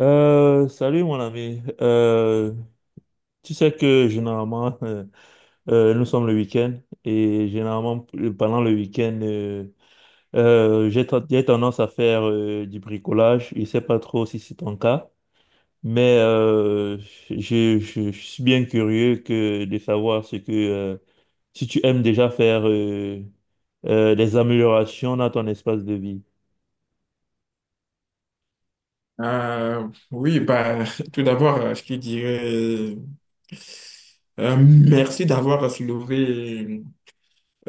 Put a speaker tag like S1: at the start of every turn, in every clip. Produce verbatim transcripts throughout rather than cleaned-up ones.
S1: Euh, salut mon ami. Euh, tu sais que généralement, euh, euh, nous sommes le week-end et généralement p- euh, pendant le week-end, euh, euh, j'ai ten- j'ai tendance à faire euh, du bricolage. Je sais pas trop si c'est ton cas, mais euh, je, je- je suis bien curieux que de savoir ce que euh, si tu aimes déjà faire euh, euh, des améliorations dans ton espace de vie.
S2: Euh, oui, bah, tout d'abord, euh, je te dirais euh, merci d'avoir soulevé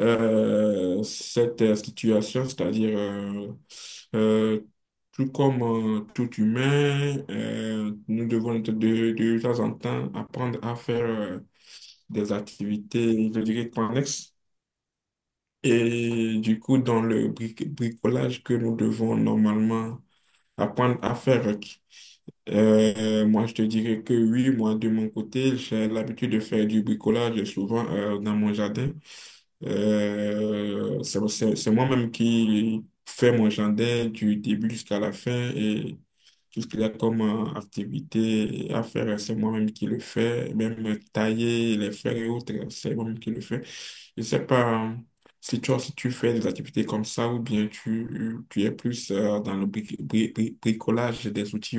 S2: euh, cette euh, situation, c'est-à-dire euh, euh, tout comme euh, tout humain, euh, nous devons de, de, de temps en temps apprendre à faire euh, des activités, je dirais, connexes. Et du coup, dans le bric- bricolage que nous devons normalement apprendre à faire. Euh, moi, je te dirais que oui, moi, de mon côté, j'ai l'habitude de faire du bricolage souvent euh, dans mon jardin. Euh, c'est c'est- c'est moi-même qui fais mon jardin du début jusqu'à la fin et tout ce qu'il y a comme euh, activité à faire, c'est moi-même qui le fais. Même tailler les fleurs et autres, c'est moi-même qui le fais. Je sais pas euh, si toi, si tu fais des activités comme ça ou bien tu, tu es plus euh, dans le bri- bri- bri- bricolage des outils.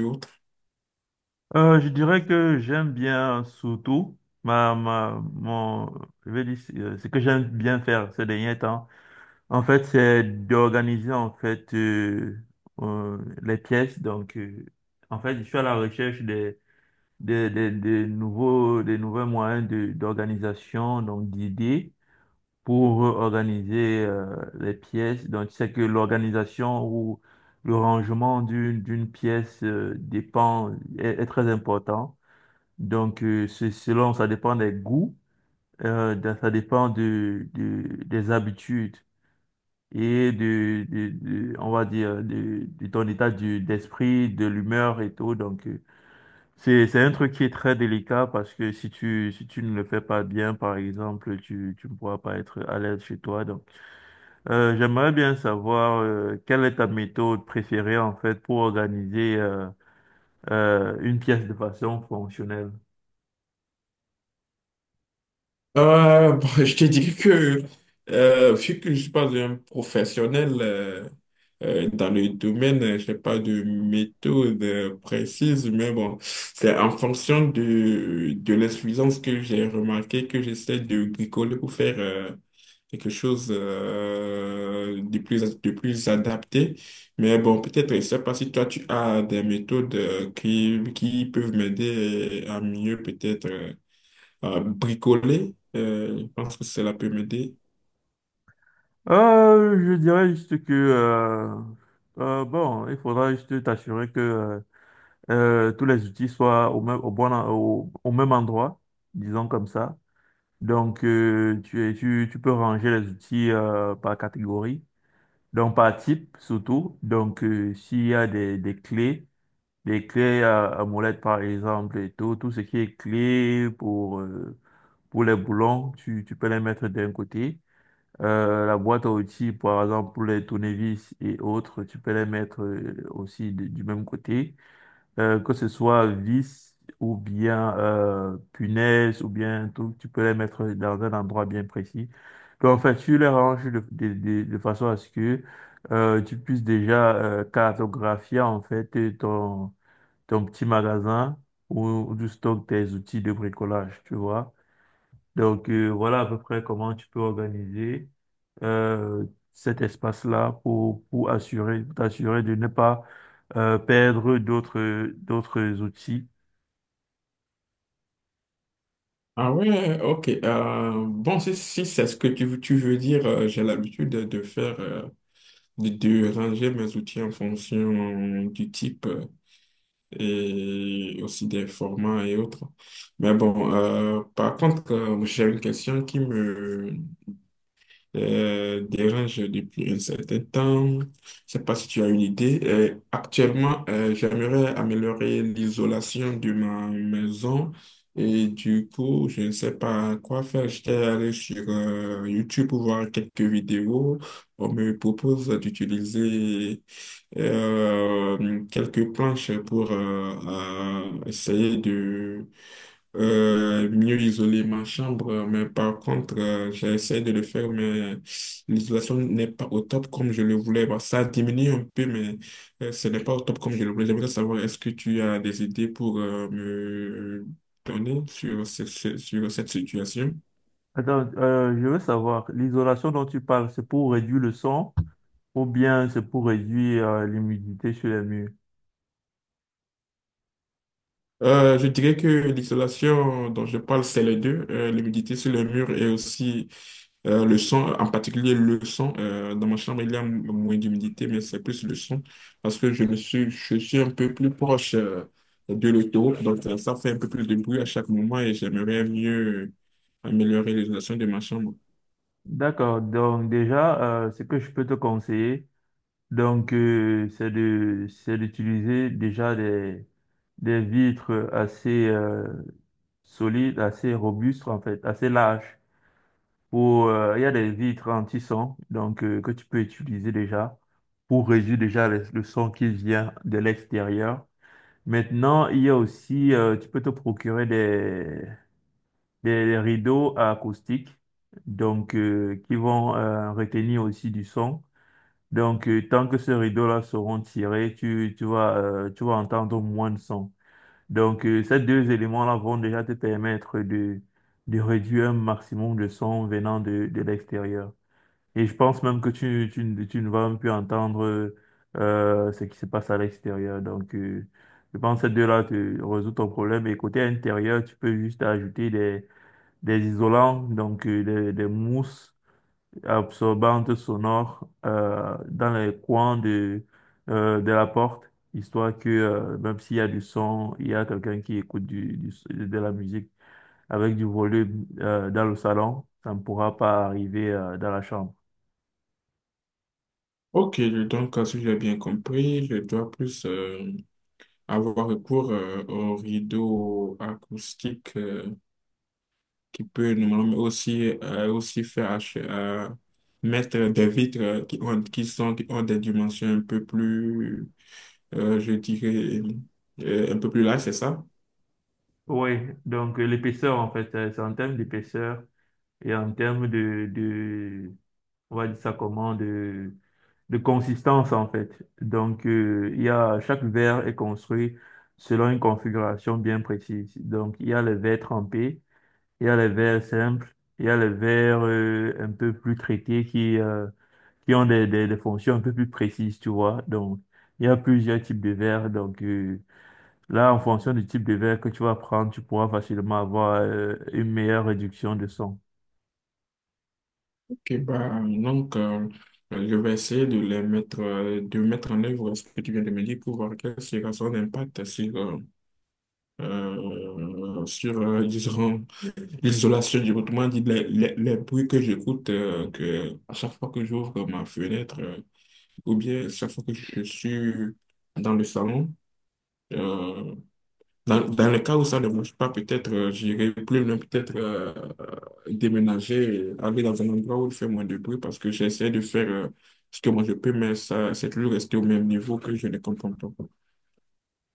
S1: Euh, je dirais que j'aime bien surtout ma, ma, mon, je vais dire, euh, ce que j'aime bien faire ces derniers temps. En fait, c'est d'organiser en fait euh, euh, les pièces. Donc, euh, en fait, je suis à la recherche des, des, des, des nouveaux, des nouveaux moyens de, d'organisation, donc d'idées pour organiser euh, les pièces. Donc, tu sais que l'organisation ou le rangement d'une d'une pièce euh, dépend est est très important. Donc, euh, c'est selon, ça dépend des goûts, euh, de- ça dépend de, de- des habitudes et de, de- de- on va dire, de, de ton état du- d'esprit, de l'humeur et tout. Donc, euh, c'est, c'est un truc qui est très délicat parce que si tu, si tu ne le fais pas bien, par exemple, tu, tu ne pourras pas être à l'aise chez toi. Donc, euh, j'aimerais bien savoir, euh, quelle est ta méthode préférée, en fait, pour organiser, euh, euh, une pièce de façon fonctionnelle.
S2: Euh, bon, je te dis que, euh, vu que je suis pas un professionnel euh, euh, dans le domaine, euh, je n'ai pas de méthode euh, précise, mais bon, c'est en fonction de, de l'insuffisance que j'ai remarqué que j'essaie de bricoler pour faire euh, quelque chose euh, de plus, de plus adapté. Mais bon, peut-être, je ne sais pas si toi, tu as des méthodes euh, qui, qui peuvent m'aider à mieux peut-être. euh, euh, bricoler. Euh, je pense que cela peut m'aider.
S1: Euh, je dirais juste que euh, euh, bon, il faudra juste t'assurer que euh, euh, tous les outils soient au même au bon en- au, au même endroit, disons comme ça. Donc euh, tu, es- tu tu peux ranger les outils euh, par catégorie, donc par type surtout. Donc euh, s'il y a des, des clés, des clés à, à molette par exemple et tout, tout ce qui est clé pour euh, pour les boulons, tu tu peux les mettre d'un côté. Euh, la boîte à outils, par exemple, pour les tournevis et autres, tu peux les mettre euh, aussi de- du même côté. Euh, que ce soit vis ou bien euh, punaise ou bien tout, tu peux les mettre dans un endroit bien précis. Donc, en fait, tu les ranges de, de, de, de façon à ce que euh, tu puisses déjà euh, cartographier en fait euh, ton, ton petit magasin où, où tu stockes tes outils de bricolage, tu vois. Donc euh, voilà à peu près comment tu peux organiser euh, cet espace-là pour, pour assurer, pour t'assurer de ne pas euh, perdre d'autres d'autres outils.
S2: Ah ouais, ok. Euh, bon, si, si c'est ce que tu, tu veux dire, euh, j'ai l'habitude de, de faire, euh, de, de ranger mes outils en fonction du type euh, et aussi des formats et autres. Mais bon, euh, par contre, euh, j'ai une question qui me, euh, dérange depuis un certain temps. Je ne sais pas si tu as une idée. Euh, actuellement, euh, j'aimerais améliorer l'isolation de ma maison et du coup, je ne sais pas quoi faire. J'étais allé sur euh, YouTube pour voir quelques vidéos. On me propose d'utiliser euh, quelques planches pour euh, euh, essayer de euh, mieux isoler ma chambre, mais par contre, euh, j'essaie de le faire, mais l'isolation n'est pas au top comme je le voulais. Bah, ça diminue un peu, mais euh, ce n'est pas au top comme je le voulais. J'aimerais savoir, est-ce que tu as des idées pour euh, me donner sur, ce- ce- sur cette situation?
S1: Attends, euh, je veux savoir, l'isolation dont tu parles, c'est pour réduire le son ou bien c'est pour réduire euh, l'humidité sur les murs?
S2: Euh, je dirais que l'isolation dont je parle, c'est les deux, euh, l'humidité sur le mur et aussi euh, le son, en particulier le son. Euh, dans ma chambre, il y a m- moins d'humidité, mais c'est plus le son parce que je me suis, je suis un peu plus proche euh, de l'autoroute, donc euh, ça fait un peu plus de bruit à chaque moment et j'aimerais mieux améliorer l'isolation de ma chambre.
S1: D'accord, donc déjà, euh, ce que je peux te conseiller, donc euh, c'est de c'est d'utiliser déjà des des vitres assez euh, solide, assez robuste en fait, assez large. Pour, euh, il y a des vitres anti-son donc euh, que tu peux utiliser déjà pour réduire déjà les- le son qui vient de l'extérieur. Maintenant, il y a aussi, euh, tu peux te procurer des, des rideaux acoustiques donc euh, qui vont euh, retenir aussi du son. Donc, euh, tant que ces rideaux-là seront tirés, tu, tu vas, euh, tu vas entendre moins de son. Donc, euh, ces deux éléments-là vont déjà te permettre de, de réduire un maximum de son venant de, de l'extérieur. Et je pense même que tu, tu, ne tu ne vas même plus entendre euh, euh, ce qui se passe à l'extérieur. Donc, euh, je pense que ces deux-là te résout ton problème. Et côté intérieur, tu peux juste ajouter des, des isolants, donc euh, des, des mousses absorbante sonore euh, dans les coins de, euh, de la porte, histoire que euh, même s'il y a du son, il y a quelqu'un qui écoute du, du- de la musique avec du volume euh, dans le salon, ça ne pourra pas arriver euh, dans la chambre.
S2: Ok, donc euh, si j'ai bien compris, je dois plus euh, avoir recours euh, aux rideaux acoustiques qui peut normalement aussi, euh, aussi faire ach- euh, mettre des vitres qui ont, qui sont, qui ont des dimensions un peu plus, euh, je dirais, euh, un peu plus larges, c'est ça?
S1: Oui, donc euh, l'épaisseur en fait, euh, c'est en termes d'épaisseur et en termes de, on va dire ça comment, de, de consistance en fait. Donc, euh, il y a, chaque verre est construit selon une configuration bien précise. Donc, il y a les verres trempés, il y a les verres simples, il y a les verres euh, un peu plus traités qui, euh, qui ont des, des, des fonctions un peu plus précises, tu vois. Donc, il y a plusieurs types de verres. Donc, euh, là, en fonction du type de verre que tu vas prendre, tu pourras facilement avoir euh, une meilleure réduction de son.
S2: Ok, bah, donc, euh, je vais essayer de les mettre, euh, de mettre en œuvre ce que tu viens de me dire pour voir quel sera son impact sur, euh, euh, sur euh, disons, l'isolation, du autrement dit, les, les, les bruits que j'écoute, euh, que à chaque fois que j'ouvre ma fenêtre, euh, ou bien chaque fois que je suis dans le salon, euh, dans, dans le cas où ça ne marche pas, peut-être euh, j'irai plus loin, peut-être euh, euh, déménager, aller dans un endroit où il fait moins de bruit, parce que j'essaie de faire euh, ce que moi je peux, mais ça, c'est toujours rester au même niveau que je ne comprends pas.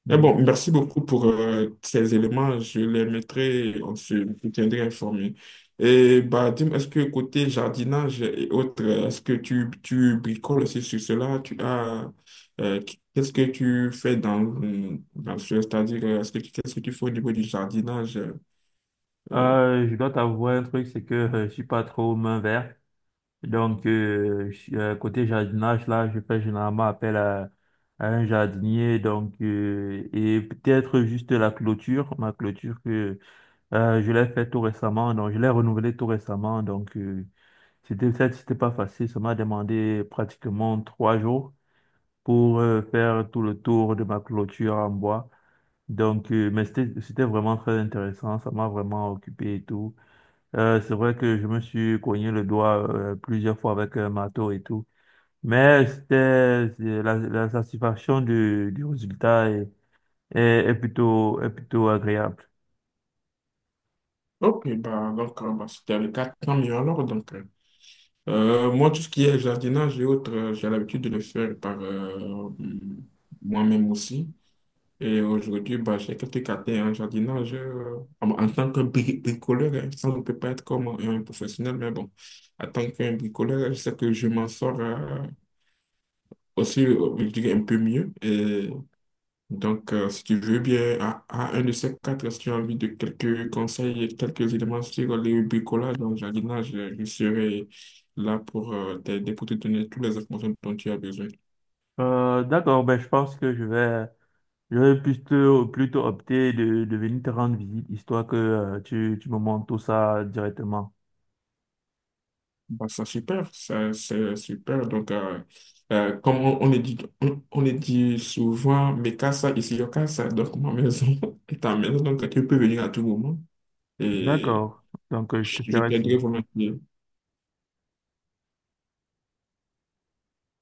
S2: Mais bon, merci beaucoup pour euh, ces éléments. Je les mettrai, on se je tiendrai informé. Et bah, dis-moi, est-ce que côté jardinage et autres, est-ce que tu, tu bricoles aussi sur cela? Tu as, euh, qu'est-ce que tu fais dans, dans ce, c'est-à-dire, est-ce que, tu- qu'est-ce que tu fais au niveau du jardinage? euh,
S1: Euh, je dois t'avouer un truc, c'est que euh, je suis pas trop main verte. Donc, euh, je suis- euh, côté jardinage, là, je fais généralement appel à, à un jardinier. Donc, euh, et peut-être juste la clôture, ma clôture que euh, je l'ai fait tout récemment. Donc, je l'ai renouvelée tout récemment. Donc, euh, c'était ça, c'était pas facile. Ça m'a demandé pratiquement trois jours pour euh, faire tout le tour de ma clôture en bois. Donc, euh, mais c'était c'était vraiment très intéressant. Ça m'a vraiment occupé et tout. Euh, c'est vrai que je me suis cogné le doigt euh, plusieurs fois avec un marteau et tout. Mais c'était c'est la, la satisfaction du, du résultat est, est, est plutôt, est plutôt agréable.
S2: Ok, bah, donc, euh, bah, c'était le cas, tant mieux alors. Donc, euh, euh, moi, tout ce qui est jardinage et autres, euh, j'ai l'habitude de le faire par euh, moi-même aussi. Et aujourd'hui, bah, j'ai quelques caté en jardinage euh, en, en tant que bri- bricoleur. Hein. Ça, on ne peut pas être comme un professionnel, mais bon, en tant qu'un bricoleur, je sais que je m'en sors euh, aussi, euh, je dirais, un peu mieux. Et donc, euh, si tu veux bien, à, à un de ces quatre, si tu as envie de quelques conseils, et quelques éléments sur le bricolage dans le jardinage, euh, je serai là pour euh, t'aider, pour te donner toutes les informations dont tu as besoin.
S1: Euh, d'accord, ben, je pense que je vais, je vais plutôt, plutôt opter de, de venir te rendre visite, histoire que euh, tu, tu me montres tout ça directement.
S2: Bah, ça, super, ça, c'est super. Donc, euh, euh, comme on, on le dit, on, on le dit souvent, mes casa ici, yo casa, donc ma maison est ta maison, donc tu peux venir à tout moment et
S1: D'accord, donc euh, je
S2: je
S1: te
S2: je
S1: ferai
S2: t'aiderai
S1: signe.
S2: volontiers.